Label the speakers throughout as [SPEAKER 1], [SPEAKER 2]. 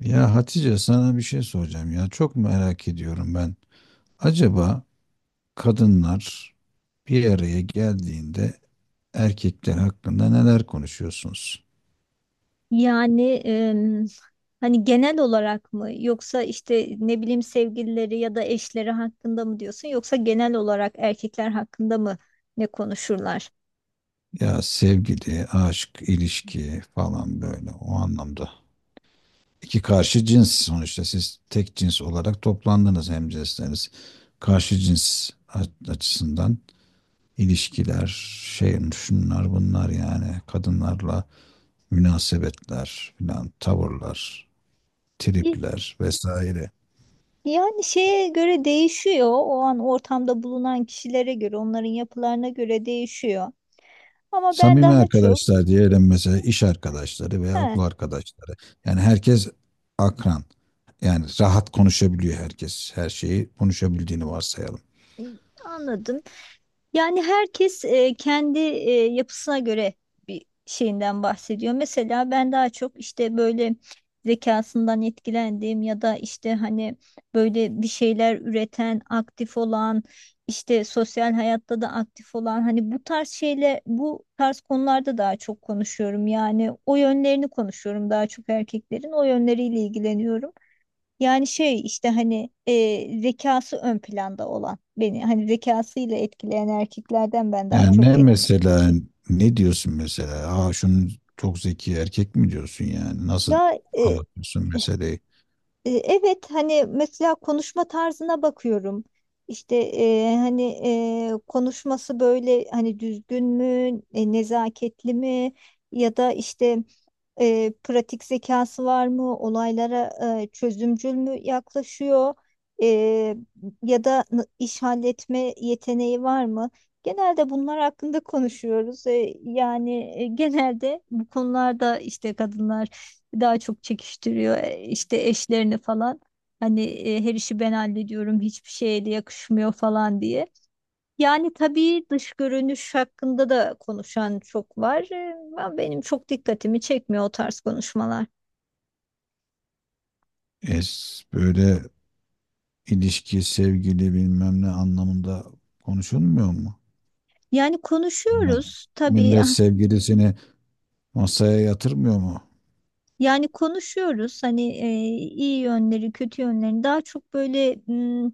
[SPEAKER 1] Ya Hatice sana bir şey soracağım ya. Çok merak ediyorum ben. Acaba kadınlar bir araya geldiğinde erkekler hakkında neler konuşuyorsunuz?
[SPEAKER 2] Yani hani genel olarak mı yoksa işte ne bileyim sevgilileri ya da eşleri hakkında mı diyorsun yoksa genel olarak erkekler hakkında mı ne konuşurlar?
[SPEAKER 1] Ya sevgili, aşk, ilişki falan böyle o anlamda. İki karşı cins sonuçta siz tek cins olarak toplandınız hemcinsleriniz. Karşı cins açısından ilişkiler, şey şunlar bunlar yani kadınlarla münasebetler filan tavırlar,
[SPEAKER 2] Y-
[SPEAKER 1] tripler vesaire.
[SPEAKER 2] Yani şeye göre değişiyor. O an ortamda bulunan kişilere göre, onların yapılarına göre değişiyor. Ama ben
[SPEAKER 1] Samimi
[SPEAKER 2] daha çok
[SPEAKER 1] arkadaşlar diyelim, mesela iş arkadaşları veya
[SPEAKER 2] he,
[SPEAKER 1] okul arkadaşları. Yani herkes akran. Yani rahat konuşabiliyor herkes. Her şeyi konuşabildiğini varsayalım.
[SPEAKER 2] anladım. Yani herkes kendi yapısına göre bir şeyinden bahsediyor. Mesela ben daha çok işte böyle zekasından etkilendiğim ya da işte hani böyle bir şeyler üreten, aktif olan, işte sosyal hayatta da aktif olan hani bu tarz konularda daha çok konuşuyorum. Yani o yönlerini konuşuyorum, daha çok erkeklerin o yönleriyle ilgileniyorum. Yani şey işte hani zekası ön planda olan, beni hani zekasıyla etkileyen erkeklerden ben daha
[SPEAKER 1] Yani
[SPEAKER 2] çok
[SPEAKER 1] ne
[SPEAKER 2] et.
[SPEAKER 1] mesela, ne diyorsun mesela? Aa, şunun çok zeki erkek mi diyorsun yani? Nasıl
[SPEAKER 2] Ya e,
[SPEAKER 1] anlatıyorsun meseleyi?
[SPEAKER 2] Evet, hani mesela konuşma tarzına bakıyorum. İşte hani konuşması böyle hani düzgün mü, nezaketli mi, ya da işte pratik zekası var mı, olaylara çözümcül mü yaklaşıyor, E, ya da iş halletme yeteneği var mı? Genelde bunlar hakkında konuşuyoruz. Yani genelde bu konularda işte kadınlar daha çok çekiştiriyor işte eşlerini falan. Hani her işi ben hallediyorum, hiçbir şeye de yakışmıyor falan diye. Yani tabii dış görünüş hakkında da konuşan çok var. Ama benim çok dikkatimi çekmiyor o tarz konuşmalar.
[SPEAKER 1] Es böyle ilişki, sevgili bilmem ne anlamında konuşulmuyor mu?
[SPEAKER 2] Yani
[SPEAKER 1] Yani
[SPEAKER 2] konuşuyoruz tabii,
[SPEAKER 1] millet
[SPEAKER 2] ah.
[SPEAKER 1] sevgilisini masaya yatırmıyor mu?
[SPEAKER 2] Yani konuşuyoruz hani iyi yönleri, kötü yönlerini. Daha çok böyle m,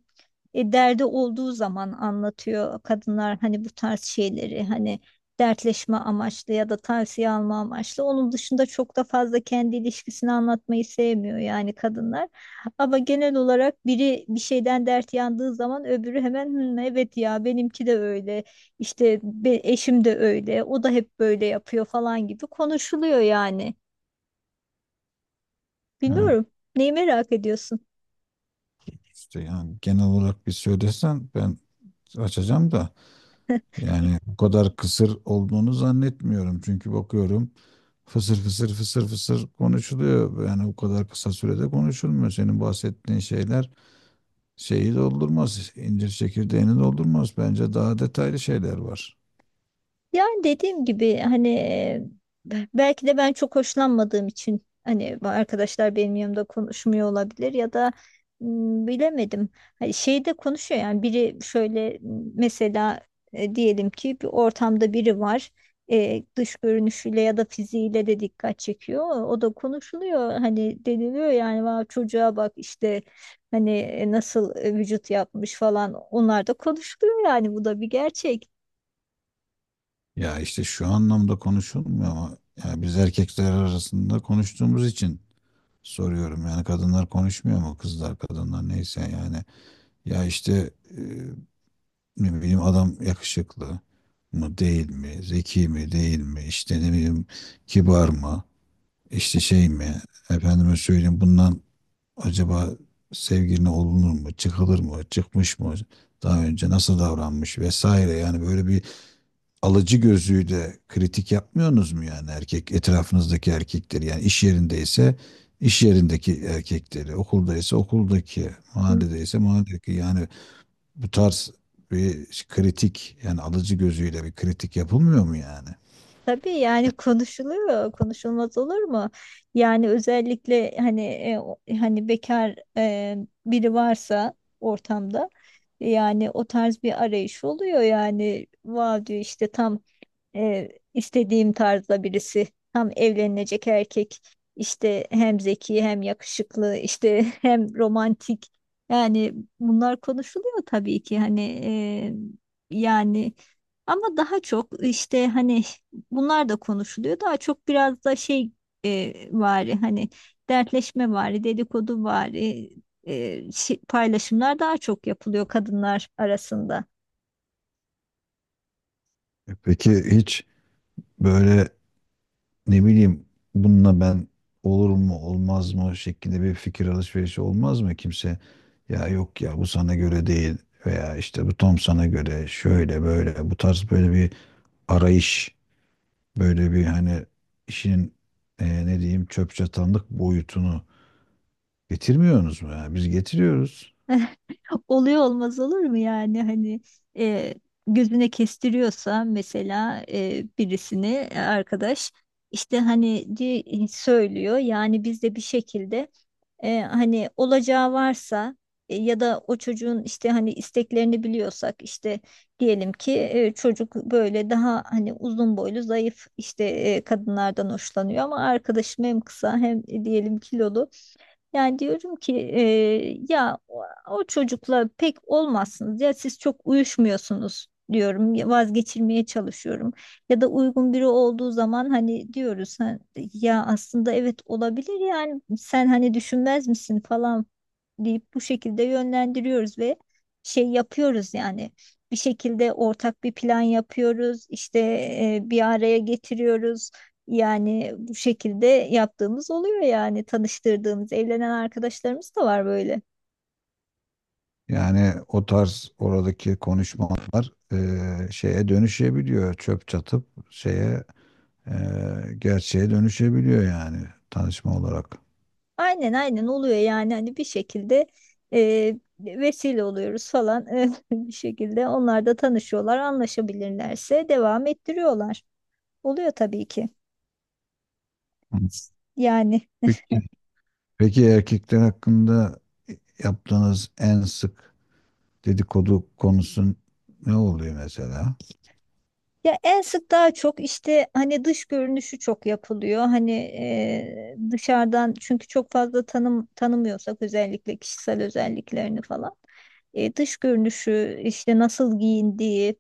[SPEAKER 2] e, derdi olduğu zaman anlatıyor kadınlar hani bu tarz şeyleri, hani dertleşme amaçlı ya da tavsiye alma amaçlı. Onun dışında çok da fazla kendi ilişkisini anlatmayı sevmiyor yani kadınlar. Ama genel olarak biri bir şeyden dert yandığı zaman öbürü hemen "Hmm, evet ya, benimki de öyle. İşte eşim de öyle. O da hep böyle yapıyor" falan gibi konuşuluyor yani.
[SPEAKER 1] Ha,
[SPEAKER 2] Bilmiyorum. Neyi merak ediyorsun?
[SPEAKER 1] işte yani genel olarak bir söylesen ben açacağım da, yani bu kadar kısır olduğunu zannetmiyorum. Çünkü bakıyorum fısır fısır fısır fısır konuşuluyor. Yani o kadar kısa sürede konuşulmuyor. Senin bahsettiğin şeyler şeyi doldurmaz, incir çekirdeğini doldurmaz. Bence daha detaylı şeyler var.
[SPEAKER 2] Yani dediğim gibi hani belki de ben çok hoşlanmadığım için hani bu arkadaşlar benim yanımda konuşmuyor olabilir, ya da bilemedim. Hani şeyde konuşuyor yani biri şöyle, mesela diyelim ki bir ortamda biri var. Dış görünüşüyle ya da fiziğiyle de dikkat çekiyor. O da konuşuluyor, hani deniliyor yani "Vav, çocuğa bak işte, hani nasıl vücut yapmış" falan. Onlar da konuşuluyor yani, bu da bir gerçek.
[SPEAKER 1] Ya işte şu anlamda konuşulmuyor ama ya biz erkekler arasında konuştuğumuz için soruyorum. Yani kadınlar konuşmuyor mu? Kızlar, kadınlar neyse yani. Ya işte ne bileyim adam yakışıklı mı değil mi? Zeki mi değil mi? İşte ne bileyim kibar mı? İşte şey mi? Efendime söyleyeyim, bundan acaba sevgiline olunur mu? Çıkılır mı? Çıkmış mı? Daha önce nasıl davranmış vesaire, yani böyle bir alıcı gözüyle kritik yapmıyorsunuz mu, yani erkek etrafınızdaki erkekleri, yani iş yerindeyse iş yerindeki erkekleri, okuldaysa okuldaki, mahalledeyse mahalledeki, yani bu tarz bir kritik, yani alıcı gözüyle bir kritik yapılmıyor mu yani?
[SPEAKER 2] Tabii yani konuşuluyor, konuşulmaz olur mu? Yani özellikle hani hani bekar biri varsa ortamda, yani o tarz bir arayış oluyor. Yani vav diyor, işte tam istediğim tarzda birisi. Tam evlenilecek erkek. İşte hem zeki hem yakışıklı işte hem romantik. Yani bunlar konuşuluyor tabii ki, hani yani ama daha çok işte hani bunlar da konuşuluyor. Daha çok biraz da şey vari hani, dertleşme vari, dedikodu vari paylaşımlar daha çok yapılıyor kadınlar arasında.
[SPEAKER 1] E peki, hiç böyle ne bileyim bununla ben olur mu olmaz mı şeklinde bir fikir alışverişi olmaz mı kimse? Ya yok ya bu sana göre değil, veya işte bu tam sana göre şöyle böyle, bu tarz böyle bir arayış, böyle bir hani işin ne diyeyim çöp çatanlık boyutunu getirmiyorsunuz mu? Yani biz getiriyoruz.
[SPEAKER 2] Oluyor, olmaz olur mu yani? Hani e, gözüne kestiriyorsa mesela birisini, arkadaş işte hani söylüyor. Yani biz de bir şekilde, hani olacağı varsa, ya da o çocuğun işte hani isteklerini biliyorsak, işte diyelim ki çocuk böyle daha hani uzun boylu zayıf işte kadınlardan hoşlanıyor ama arkadaşım hem kısa hem diyelim kilolu, yani diyorum ki ya o çocukla pek olmazsınız ya, siz çok uyuşmuyorsunuz diyorum ya, vazgeçirmeye çalışıyorum. Ya da uygun biri olduğu zaman hani diyoruz "Ha, ya aslında evet, olabilir yani, sen hani düşünmez misin" falan deyip bu şekilde yönlendiriyoruz ve şey yapıyoruz yani, bir şekilde ortak bir plan yapıyoruz. İşte bir araya getiriyoruz. Yani bu şekilde yaptığımız oluyor, yani tanıştırdığımız evlenen arkadaşlarımız da var böyle.
[SPEAKER 1] Yani o tarz oradaki konuşmalar şeye dönüşebiliyor. Çöp çatıp şeye e, gerçeğe dönüşebiliyor, yani tanışma olarak.
[SPEAKER 2] Aynen, aynen oluyor yani, hani bir şekilde vesile oluyoruz falan. Bir şekilde onlar da tanışıyorlar, anlaşabilirlerse devam ettiriyorlar. Oluyor tabii ki
[SPEAKER 1] Hı.
[SPEAKER 2] yani.
[SPEAKER 1] Peki, peki erkekler hakkında yaptığınız en sık dedikodu konusun ne oluyor mesela?
[SPEAKER 2] Ya en sık daha çok işte hani dış görünüşü çok yapılıyor. Hani dışarıdan, çünkü çok fazla tanımıyorsak özellikle kişisel özelliklerini falan. Dış görünüşü, işte nasıl giyindiği,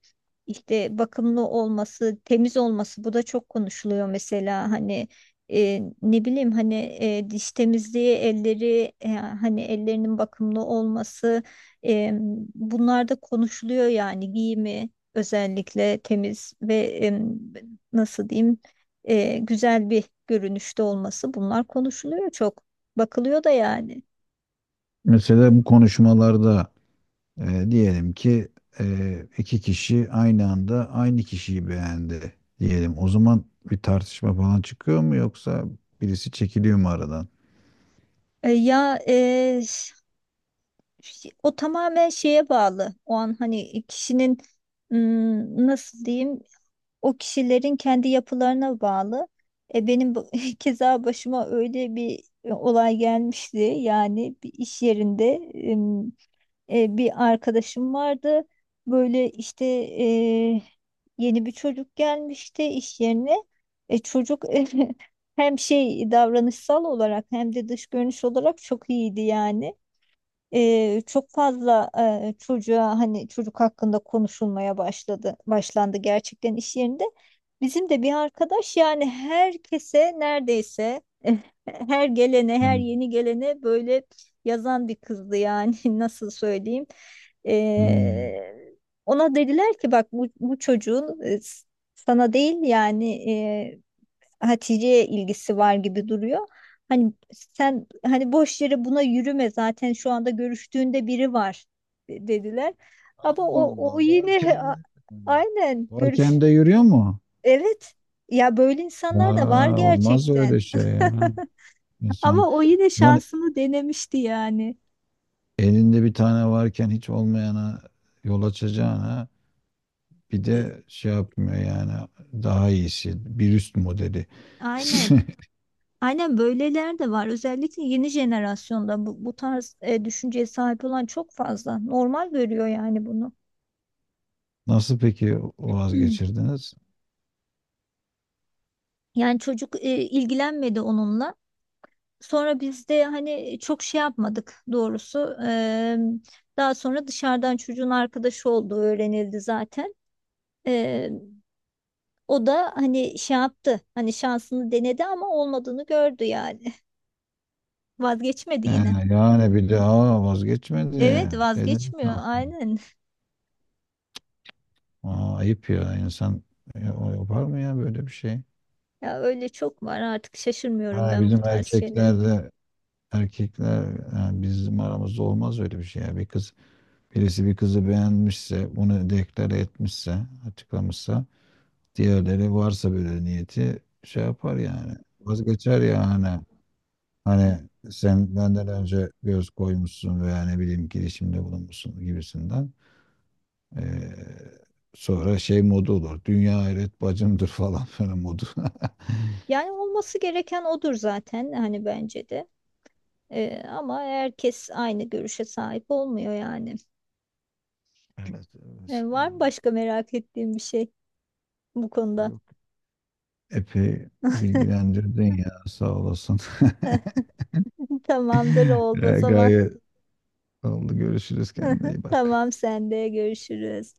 [SPEAKER 2] işte bakımlı olması, temiz olması, bu da çok konuşuluyor. Mesela hani ne bileyim, hani diş temizliği, elleri, hani ellerinin bakımlı olması, e, bunlar da konuşuluyor. Yani giyimi özellikle temiz ve nasıl diyeyim, güzel bir görünüşte olması, bunlar konuşuluyor çok. Bakılıyor da yani.
[SPEAKER 1] Mesela bu konuşmalarda, diyelim ki iki kişi aynı anda aynı kişiyi beğendi diyelim. O zaman bir tartışma falan çıkıyor mu, yoksa birisi çekiliyor mu aradan?
[SPEAKER 2] E, ya e, O tamamen şeye bağlı. O an hani kişinin, m, nasıl diyeyim, o kişilerin kendi yapılarına bağlı. Benim keza başıma öyle bir olay gelmişti. Yani bir iş yerinde bir arkadaşım vardı. Böyle işte yeni bir çocuk gelmişti iş yerine. Çocuk hem şey, davranışsal olarak hem de dış görünüş olarak çok iyiydi yani. Çok fazla çocuğa hani, çocuk hakkında konuşulmaya başlandı gerçekten iş yerinde. Bizim de bir arkadaş, yani herkese neredeyse her gelene, her
[SPEAKER 1] Hmm.
[SPEAKER 2] yeni gelene böyle yazan bir kızdı yani. Nasıl söyleyeyim.
[SPEAKER 1] Hmm.
[SPEAKER 2] E, Ona dediler ki "Bak bu çocuğun sana değil yani, Hatice'ye ilgisi var gibi duruyor. Hani sen hani boş yere buna yürüme, zaten şu anda görüştüğünde biri var" dediler.
[SPEAKER 1] Allah
[SPEAKER 2] Ama o
[SPEAKER 1] Allah. Varken
[SPEAKER 2] yine
[SPEAKER 1] yürüyor mu?
[SPEAKER 2] aynen görüş.
[SPEAKER 1] Varken de yürüyor mu?
[SPEAKER 2] Evet. Ya böyle insanlar da var
[SPEAKER 1] Aa, olmaz
[SPEAKER 2] gerçekten.
[SPEAKER 1] öyle şey ya. İnsan
[SPEAKER 2] Ama o yine
[SPEAKER 1] lan,
[SPEAKER 2] şansını denemişti yani.
[SPEAKER 1] elinde bir tane varken hiç olmayana yol açacağına bir
[SPEAKER 2] E,
[SPEAKER 1] de şey yapmıyor yani, daha iyisi, bir üst modeli.
[SPEAKER 2] Aynen. Aynen, böyleler de var. Özellikle yeni jenerasyonda bu tarz düşünceye sahip olan çok fazla. Normal görüyor yani bunu.
[SPEAKER 1] Nasıl peki vazgeçirdiniz?
[SPEAKER 2] Yani çocuk ilgilenmedi onunla. Sonra biz de hani çok şey yapmadık doğrusu. Daha sonra dışarıdan çocuğun arkadaşı olduğu öğrenildi zaten. Eee, O da hani şey yaptı, hani şansını denedi ama olmadığını gördü yani. Vazgeçmedi
[SPEAKER 1] He,
[SPEAKER 2] yine.
[SPEAKER 1] yani bir daha vazgeçmedi.
[SPEAKER 2] Evet,
[SPEAKER 1] Dediniz ne
[SPEAKER 2] vazgeçmiyor
[SPEAKER 1] yaptın?
[SPEAKER 2] aynen.
[SPEAKER 1] Aa, ayıp ya, insan ya, o yapar mı ya böyle bir şey?
[SPEAKER 2] Ya öyle çok var artık, şaşırmıyorum
[SPEAKER 1] Ha,
[SPEAKER 2] ben bu
[SPEAKER 1] bizim
[SPEAKER 2] tarz şeylerin.
[SPEAKER 1] erkeklerde, erkekler yani bizim aramızda olmaz öyle bir şey ya. Bir kız, birisi bir kızı beğenmişse, bunu deklare etmişse, açıklamışsa, diğerleri varsa böyle niyeti şey yapar yani, vazgeçer yani. Hani sen benden önce göz koymuşsun veya ne bileyim girişimde bulunmuşsun gibisinden. Ee, sonra şey modu olur. Dünya hayret bacımdır falan böyle modu.
[SPEAKER 2] Yani olması gereken odur zaten, hani bence de. Ama herkes aynı görüşe sahip olmuyor yani.
[SPEAKER 1] Evet, evet.
[SPEAKER 2] Var mı
[SPEAKER 1] Hmm.
[SPEAKER 2] başka merak ettiğim bir şey bu konuda?
[SPEAKER 1] Yok. Epey bilgilendirdin ya, sağ olasın.
[SPEAKER 2] Tamamdır, oldu o
[SPEAKER 1] Ya,
[SPEAKER 2] zaman.
[SPEAKER 1] gayet oldu. Görüşürüz, kendine iyi bak.
[SPEAKER 2] Tamam, sen de görüşürüz.